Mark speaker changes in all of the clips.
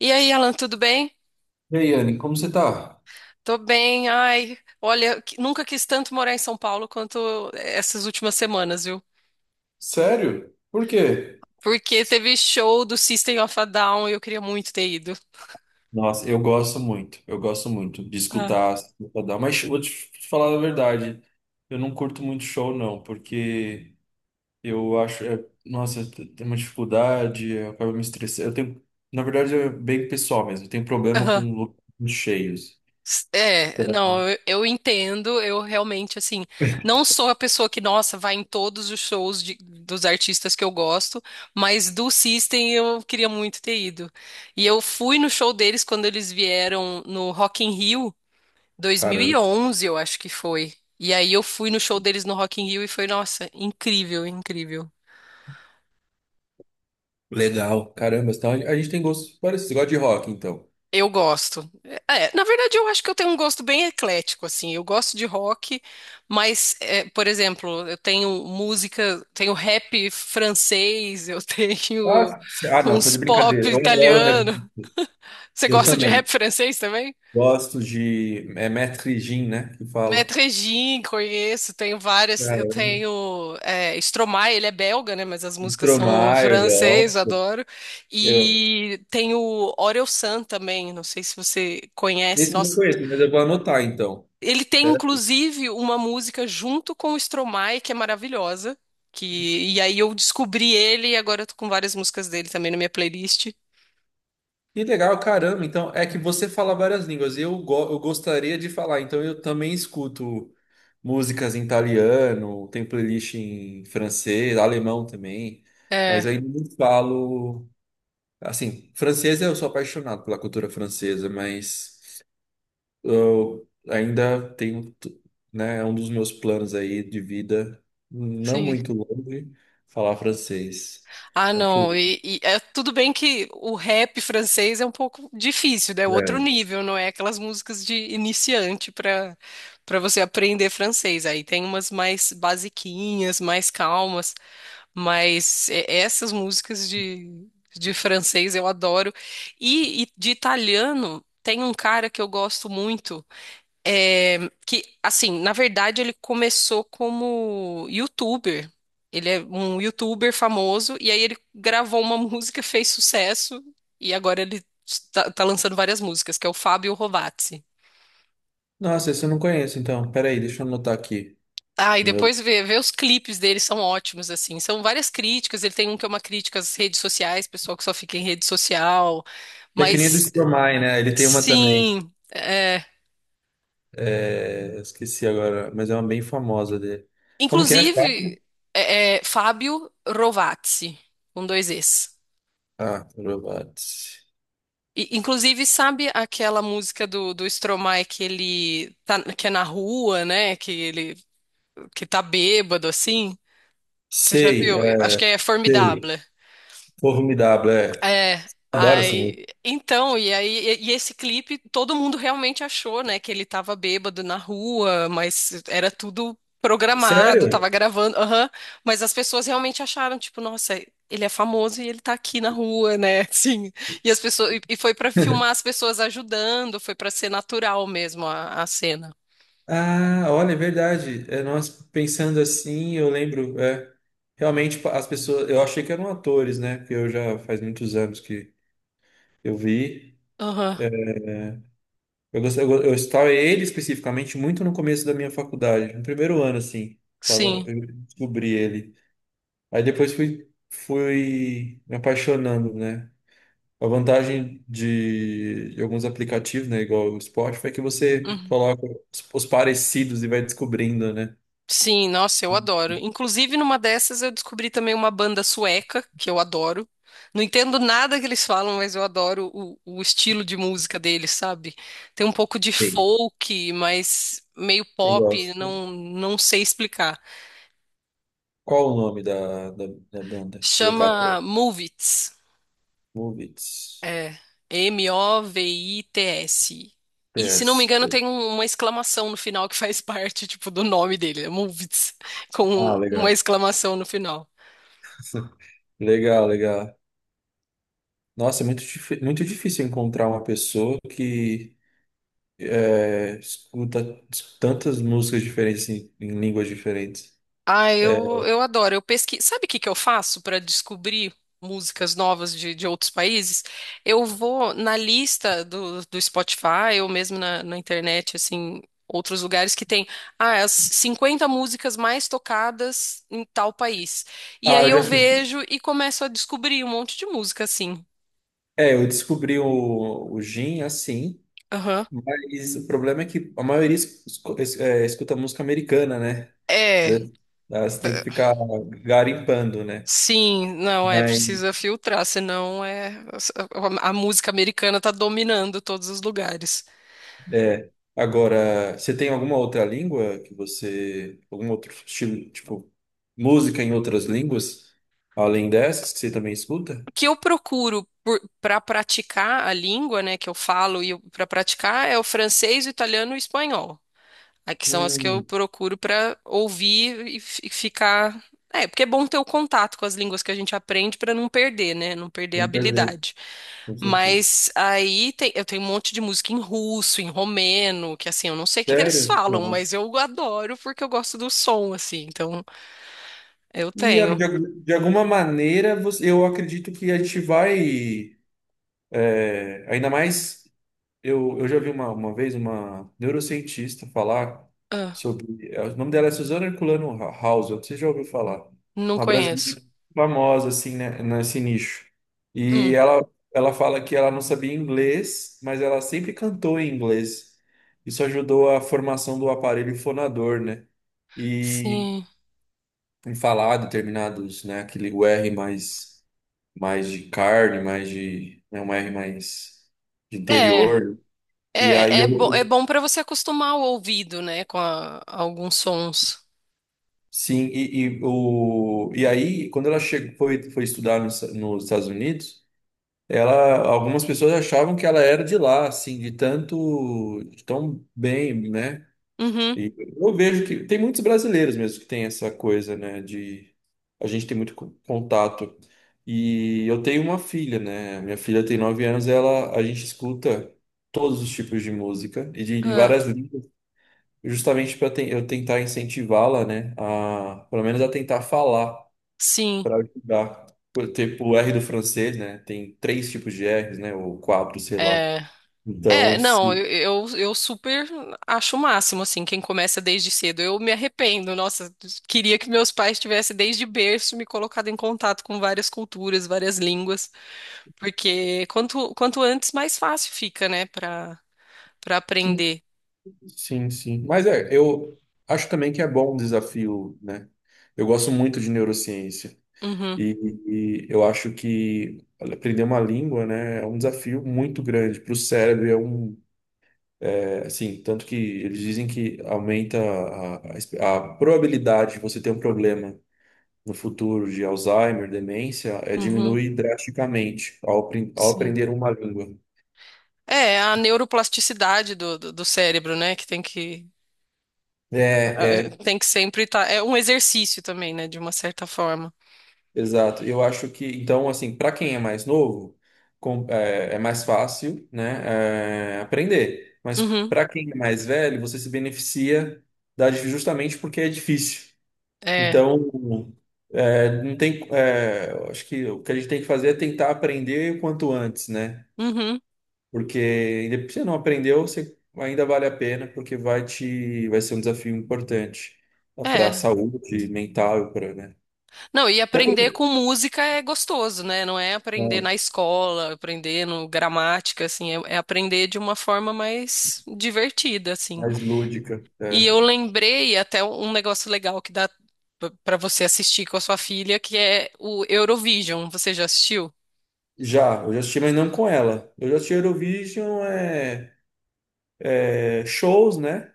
Speaker 1: E aí, Alan, tudo bem?
Speaker 2: E aí, Anne, como você tá?
Speaker 1: Tô bem. Ai, olha, nunca quis tanto morar em São Paulo quanto essas últimas semanas, viu?
Speaker 2: Sério? Por quê?
Speaker 1: Porque teve show do System of a Down e eu queria muito ter ido.
Speaker 2: Nossa, eu gosto muito de
Speaker 1: Ah.
Speaker 2: escutar, dar, mas vou te falar a verdade, eu não curto muito show não, porque eu acho, nossa, eu tenho uma dificuldade, eu acabo me estressando, eu tenho, na verdade é bem pessoal mesmo, eu tenho problema
Speaker 1: Aham.
Speaker 2: com lugares muito cheios. Então.
Speaker 1: É, não, eu entendo, eu realmente, assim, não sou a pessoa que, nossa, vai em todos os shows dos artistas que eu gosto, mas do System eu queria muito ter ido. E eu fui no show deles quando eles vieram no Rock in Rio,
Speaker 2: Caramba,
Speaker 1: 2011, eu acho que foi. E aí eu fui no show deles no Rock in Rio e foi, nossa, incrível, incrível.
Speaker 2: legal, caramba, então a gente tem gostos parecidos, você gosta de rock então.
Speaker 1: Eu gosto. É, na verdade, eu acho que eu tenho um gosto bem eclético, assim. Eu gosto de rock, mas, é, por exemplo, eu tenho música, tenho rap francês, eu
Speaker 2: Ah,
Speaker 1: tenho
Speaker 2: c- ah, não, só
Speaker 1: uns
Speaker 2: de
Speaker 1: pop
Speaker 2: brincadeira, eu adoro rap,
Speaker 1: italiano. Você
Speaker 2: eu
Speaker 1: gosta de
Speaker 2: também.
Speaker 1: rap francês também?
Speaker 2: Gosto de. É Maître Gin, né? Que fala.
Speaker 1: Metrejim, conheço, tenho várias. Eu
Speaker 2: Caramba.
Speaker 1: tenho é, Stromae, ele é belga, né? Mas as
Speaker 2: E
Speaker 1: músicas são
Speaker 2: Tromar, eu
Speaker 1: francês, eu
Speaker 2: gosto.
Speaker 1: adoro.
Speaker 2: Eu...
Speaker 1: E tenho Orelsan também, não sei se você conhece.
Speaker 2: Esse eu não
Speaker 1: Nossa,
Speaker 2: conheço, mas eu vou anotar então.
Speaker 1: ele tem
Speaker 2: Pera.
Speaker 1: inclusive uma música junto com o Stromae que é maravilhosa. Que, e aí eu descobri ele e agora eu tô com várias músicas dele também na minha playlist.
Speaker 2: Que legal, caramba. Então, é que você fala várias línguas. Eu gostaria de falar, então eu também escuto músicas em italiano, tem playlist em francês, alemão também. Mas
Speaker 1: É,
Speaker 2: ainda não falo. Assim, francês eu sou apaixonado pela cultura francesa, mas. Eu ainda tenho, t- Né, é um dos meus planos aí de vida, não
Speaker 1: sim.
Speaker 2: muito longe, falar francês.
Speaker 1: Ah, não.
Speaker 2: Acho-
Speaker 1: E é tudo bem que o rap francês é um pouco difícil, né? É outro
Speaker 2: É.
Speaker 1: nível, não é aquelas músicas de iniciante para para você aprender francês. Aí tem umas mais basiquinhas, mais calmas, mas essas músicas de francês eu adoro. E de italiano tem um cara que eu gosto muito. É, que, assim, na verdade ele começou como youtuber. Ele é um youtuber famoso e aí ele gravou uma música, fez sucesso e agora ele tá lançando várias músicas, que é o Fábio Rovazzi.
Speaker 2: Nossa, esse eu não conheço, então. Peraí, deixa eu anotar aqui.
Speaker 1: Ah, e
Speaker 2: Eu...
Speaker 1: depois vê os clipes dele, são ótimos, assim. São várias críticas, ele tem um que é uma crítica às redes sociais, pessoal que só fica em rede social.
Speaker 2: Que é que nem do
Speaker 1: Mas,
Speaker 2: Stromae, né? Ele tem uma também.
Speaker 1: sim, é,
Speaker 2: É, esqueci agora, mas é uma bem famosa dele. Como que é?
Speaker 1: inclusive, Fábio Rovazzi, com dois Es.
Speaker 2: Ah, Robots.
Speaker 1: E, inclusive, sabe aquela música do Stromae que ele tá, que é na rua, né? Que ele que tá bêbado assim? Você já
Speaker 2: Sei,
Speaker 1: viu? Eu
Speaker 2: é,
Speaker 1: acho que é
Speaker 2: sei.
Speaker 1: Formidable.
Speaker 2: Formidável, é.
Speaker 1: É,
Speaker 2: Adoro essa música.
Speaker 1: aí, então, e aí, e esse clipe, todo mundo realmente achou, né, que ele tava bêbado na rua, mas era tudo programado, tava
Speaker 2: Sério?
Speaker 1: gravando, aham, mas as pessoas realmente acharam, tipo, nossa, ele é famoso e ele tá aqui na rua, né, assim, e as pessoas, e foi pra filmar as pessoas ajudando, foi pra ser natural mesmo a cena.
Speaker 2: Ah, olha, é verdade. É, nós pensando assim, eu lembro, realmente as pessoas, eu achei que eram atores, né? Porque eu já faz muitos anos que eu vi.
Speaker 1: Aham,
Speaker 2: Eu gostei, eu estava ele especificamente muito no começo da minha faculdade, no primeiro ano assim, tava,
Speaker 1: sim.
Speaker 2: eu descobri ele. Aí depois fui me apaixonando, né? A vantagem de alguns aplicativos, né, igual o Spotify, é que você
Speaker 1: Uhum.
Speaker 2: coloca os parecidos e vai descobrindo, né?
Speaker 1: Sim, nossa, eu adoro. Inclusive, numa dessas eu descobri também uma banda sueca que eu adoro. Não entendo nada que eles falam, mas eu adoro o estilo de música deles, sabe? Tem um pouco de
Speaker 2: Sim.
Speaker 1: folk, mas meio
Speaker 2: Eu
Speaker 1: pop,
Speaker 2: gosto.
Speaker 1: não, não sei explicar.
Speaker 2: Qual o nome da banda?
Speaker 1: Chama
Speaker 2: Colocatório.
Speaker 1: Movits.
Speaker 2: Movits.
Speaker 1: É, M-O-V-I-T-S. E, se não me
Speaker 2: PS.
Speaker 1: engano, tem uma exclamação no final que faz parte, tipo, do nome dele, é Movits,
Speaker 2: Ah,
Speaker 1: com uma
Speaker 2: legal.
Speaker 1: exclamação no final.
Speaker 2: Legal, legal. Nossa, é muito difícil encontrar uma pessoa que escuta tantas músicas diferentes em línguas diferentes.
Speaker 1: Ah, eu adoro. Eu pesquiso. Sabe o que que eu faço para descobrir músicas novas de outros países? Eu vou na lista do Spotify ou mesmo na internet, assim, outros lugares que tem ah, as 50 músicas mais tocadas em tal país. E
Speaker 2: Ah,
Speaker 1: aí
Speaker 2: eu
Speaker 1: eu
Speaker 2: já fiz isso.
Speaker 1: vejo e começo a descobrir um monte de música, assim.
Speaker 2: É, eu descobri o Jim assim,
Speaker 1: Aham.
Speaker 2: mas o problema é que a maioria escuta música americana, né? Da-
Speaker 1: É,
Speaker 2: Elas têm que ficar garimpando, né?
Speaker 1: sim, não é, precisa
Speaker 2: Mas
Speaker 1: filtrar, senão é a música americana tá dominando todos os lugares.
Speaker 2: é. Agora, você tem alguma outra língua que você. Algum outro estilo, tipo, música em outras línguas, além dessas, que você também escuta?
Speaker 1: O que eu procuro para praticar a língua, né, que eu falo e para praticar é o francês, o italiano e o espanhol. Aí que são as que eu
Speaker 2: Hum,
Speaker 1: procuro para ouvir e ficar. É, porque é bom ter o contato com as línguas que a gente aprende para não perder, né? Não perder a
Speaker 2: Vou perder,
Speaker 1: habilidade.
Speaker 2: com certeza.
Speaker 1: Mas aí eu tenho um monte de música em russo, em romeno, que assim, eu não sei o que que eles
Speaker 2: Sério?
Speaker 1: falam,
Speaker 2: Nossa.
Speaker 1: mas eu adoro porque eu gosto do som, assim. Então, eu
Speaker 2: E
Speaker 1: tenho.
Speaker 2: de alguma maneira, você- eu acredito que a gente vai, ainda mais. Eu já vi uma vez uma neurocientista falar
Speaker 1: Ah,
Speaker 2: sobre. O nome dela é Suzana Herculano House, você já ouviu falar?
Speaker 1: não
Speaker 2: Uma
Speaker 1: conheço.
Speaker 2: brasileira famosa, assim, né, nesse nicho. E
Speaker 1: Hum,
Speaker 2: ela fala que ela não sabia inglês, mas ela sempre cantou em inglês. Isso ajudou a formação do aparelho fonador, né? E
Speaker 1: sim.
Speaker 2: em falar determinados, né, aquele o R mais, mais de carne, mais de. Né, um R mais de
Speaker 1: É.
Speaker 2: interior. E aí
Speaker 1: É, é,
Speaker 2: eu
Speaker 1: bo é bom para você acostumar o ouvido, né, com alguns sons.
Speaker 2: sim, o, e aí, quando ela chegou, foi estudar nos Estados Unidos, ela, algumas pessoas achavam que ela era de lá, assim, de tanto, de tão bem, né?
Speaker 1: Uhum,
Speaker 2: E eu vejo que tem muitos brasileiros mesmo que tem essa coisa, né? De a gente tem muito contato. E eu tenho uma filha, né? Minha filha tem 9 anos, ela, a gente escuta todos os tipos de música e de
Speaker 1: é,
Speaker 2: várias justamente para eu tentar incentivá-la, né, a pelo menos a tentar falar
Speaker 1: sim,
Speaker 2: para ajudar. Tipo o R do francês, né? Tem três tipos de R's, né? Ou quatro, sei lá.
Speaker 1: é. É,
Speaker 2: Então,
Speaker 1: não, eu,
Speaker 2: sim,
Speaker 1: eu, eu super acho o máximo, assim, quem começa desde cedo. Eu me arrependo, nossa, queria que meus pais tivessem desde berço me colocado em contato com várias culturas, várias línguas, porque quanto antes, mais fácil fica, né, para para
Speaker 2: sim,
Speaker 1: aprender.
Speaker 2: sim, sim. Mas é, eu acho também que é bom um desafio, né? Eu gosto muito de neurociência
Speaker 1: Uhum,
Speaker 2: e, e eu acho que aprender uma língua, né, é um desafio muito grande para o cérebro. É um. Assim, tanto que eles dizem que aumenta a probabilidade de você ter um problema no futuro de Alzheimer, demência,
Speaker 1: uhum,
Speaker 2: diminui drasticamente ao
Speaker 1: sim.
Speaker 2: aprender uma língua.
Speaker 1: É, a neuroplasticidade do cérebro, né? Que tem que Ah,
Speaker 2: É, é,
Speaker 1: tem que sempre estar. É um exercício também, né? De uma certa forma.
Speaker 2: exato. Eu acho que, então, assim, para quem é mais novo, é mais fácil, né, aprender. Mas
Speaker 1: Uhum.
Speaker 2: para quem é mais velho, você se beneficia da, justamente porque é difícil.
Speaker 1: É.
Speaker 2: Então, não tem, eu acho que o que a gente tem que fazer é tentar aprender o quanto antes, né?
Speaker 1: Uhum.
Speaker 2: Porque depois você não aprendeu, você ainda vale a pena, porque vai te, vai ser um desafio importante para a
Speaker 1: É.
Speaker 2: saúde mental, para, né?
Speaker 1: Não, e
Speaker 2: Até pra,
Speaker 1: aprender com música é gostoso, né? Não é aprender
Speaker 2: é,
Speaker 1: na escola, aprender no gramática, assim, é, é aprender de uma forma mais divertida, assim.
Speaker 2: mais lúdica. É.
Speaker 1: E eu lembrei até um negócio legal que dá pra pra você assistir com a sua filha, que é o Eurovision. Você já assistiu?
Speaker 2: Já, eu já assisti, mas não com ela. Eu já assisti Eurovision, shows, né?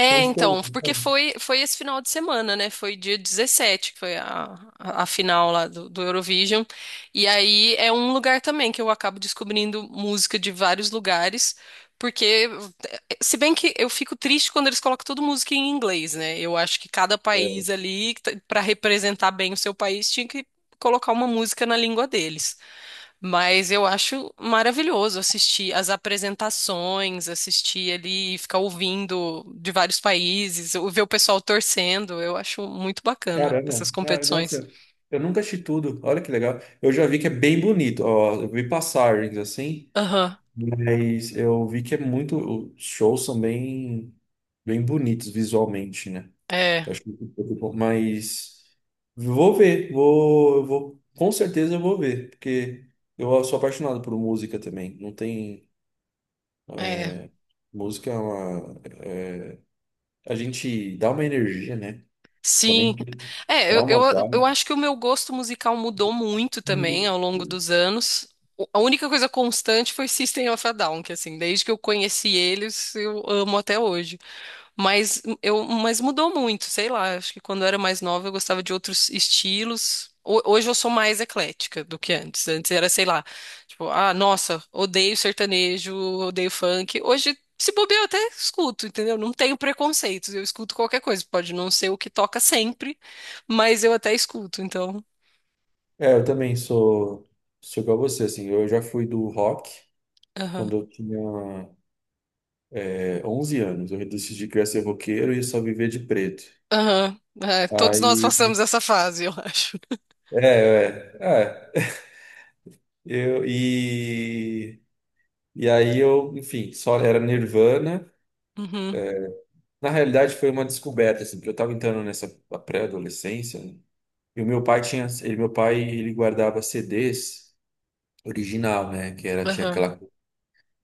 Speaker 2: São shows.
Speaker 1: então, porque
Speaker 2: Então.
Speaker 1: foi esse final de semana, né? Foi dia 17 que foi a final lá do Eurovision. E aí é um lugar também que eu acabo descobrindo música de vários lugares, porque, se bem que eu fico triste quando eles colocam toda música em inglês, né? Eu acho que cada país ali, para representar bem o seu país, tinha que colocar uma música na língua deles. Mas eu acho maravilhoso assistir as apresentações, assistir ali, ficar ouvindo de vários países, ou ver o pessoal torcendo. Eu acho muito bacana essas
Speaker 2: Caramba, ah,
Speaker 1: competições.
Speaker 2: nossa, eu nunca assisti tudo. Olha que legal. Eu já vi que é bem bonito. Ó, eu vi passagens assim,
Speaker 1: Aham,
Speaker 2: mas eu vi que é muito. Os shows são bem, bem bonitos visualmente, né?
Speaker 1: é,
Speaker 2: Eu acho muito muito bom. Mas vou ver, vou, eu vou, com certeza eu vou ver, porque eu sou apaixonado por música também. Não tem
Speaker 1: é.
Speaker 2: música, é uma, a gente dá uma energia, né?
Speaker 1: Sim.
Speaker 2: Principalmente
Speaker 1: É,
Speaker 2: dá
Speaker 1: eu,
Speaker 2: uma
Speaker 1: eu, eu
Speaker 2: vibe.
Speaker 1: acho que o meu gosto musical mudou muito também ao longo dos anos. A única coisa constante foi System of a Down, que assim, desde que eu conheci eles, eu amo até hoje. Mas eu, mas mudou muito, sei lá. Acho que quando eu era mais nova eu gostava de outros estilos. Hoje eu sou mais eclética do que antes. Antes era, sei lá, tipo, ah, nossa, odeio sertanejo, odeio funk. Hoje, se bobear, eu até escuto, entendeu? Não tenho preconceitos, eu escuto qualquer coisa. Pode não ser o que toca sempre, mas eu até escuto, então.
Speaker 2: É, eu também sou, igual a você, assim, eu já fui do rock
Speaker 1: Aham.
Speaker 2: quando eu tinha 11 anos, eu decidi que eu ia ser roqueiro e só viver de preto.
Speaker 1: Aham. É, todos nós
Speaker 2: Aí,
Speaker 1: passamos essa fase, eu acho.
Speaker 2: é, é, é, eu, e, e aí eu, enfim, só era Nirvana,
Speaker 1: Uhum.
Speaker 2: na realidade foi uma descoberta, assim, porque eu tava entrando nessa pré-adolescência, né? E o meu pai tinha, ele, meu pai, ele guardava CDs original, né, que era, tinha
Speaker 1: Aham.
Speaker 2: aquela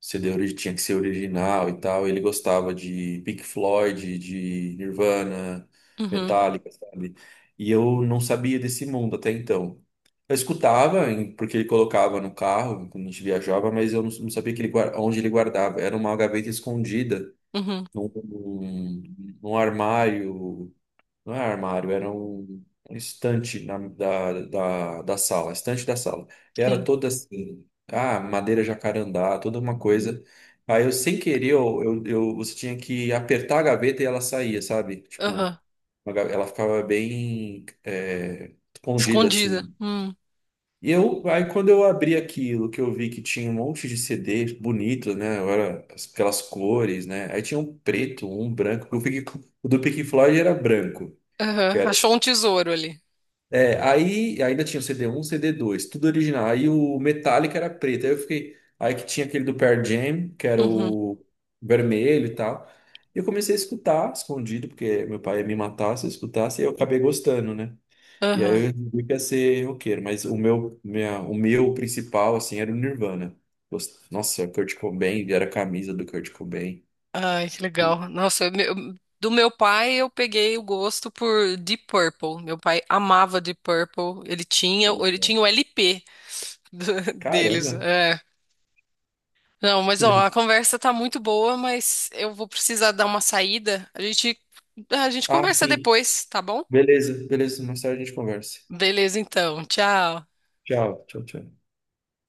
Speaker 2: CD tinha que ser original e tal. Ele gostava de Pink Floyd, de Nirvana,
Speaker 1: Uhum.
Speaker 2: Metallica, sabe? E eu não sabia desse mundo até então. Eu escutava, porque ele colocava no carro quando a gente viajava, mas eu não sabia que ele, onde ele guardava. Era uma gaveta escondida
Speaker 1: Uhum.
Speaker 2: num armário, não é armário, era um, um estante da sala, estante da sala. E era
Speaker 1: Sim.
Speaker 2: toda assim, ah, madeira jacarandá, toda uma coisa. Aí eu, sem querer, você tinha que apertar a gaveta e ela saía, sabe? Tipo,
Speaker 1: Aham.
Speaker 2: ela ficava bem escondida
Speaker 1: Escondida.
Speaker 2: assim.
Speaker 1: Hum.
Speaker 2: E eu, aí quando eu abri aquilo, que eu vi que tinha um monte de CD bonito, né? Era aquelas cores, né? Aí tinha um preto, um branco. Que Eu fiquei, o do Pink Floyd era branco.
Speaker 1: Aham, achou um tesouro ali.
Speaker 2: É, aí ainda tinha o CD 1, cd dois, tudo original. Aí o Metallica era preto. Aí eu fiquei. Aí que tinha aquele do Pearl Jam, que era
Speaker 1: Uhum.
Speaker 2: o vermelho e tal. E eu comecei a escutar escondido, porque meu pai ia me matar se eu escutasse, e eu acabei gostando, né? E aí eu
Speaker 1: Aham.
Speaker 2: resolvi que ia ser roqueiro, mas o meu, minha, o meu principal, assim, era o Nirvana. Nossa, Kurt Cobain, era a camisa do Kurt Cobain.
Speaker 1: Ai, que legal. Nossa, do meu pai eu peguei o gosto por Deep Purple. Meu pai amava Deep Purple. Ele tinha o LP do- deles.
Speaker 2: Caramba!
Speaker 1: É. Não, mas
Speaker 2: Que
Speaker 1: ó,
Speaker 2: legal.
Speaker 1: a conversa tá muito boa, mas eu vou precisar dar uma saída. A gente
Speaker 2: Ah,
Speaker 1: conversa
Speaker 2: sim.
Speaker 1: depois, tá bom?
Speaker 2: Beleza, beleza. Mais tarde a gente conversa.
Speaker 1: Beleza, então. Tchau.
Speaker 2: Tchau, tchau, tchau.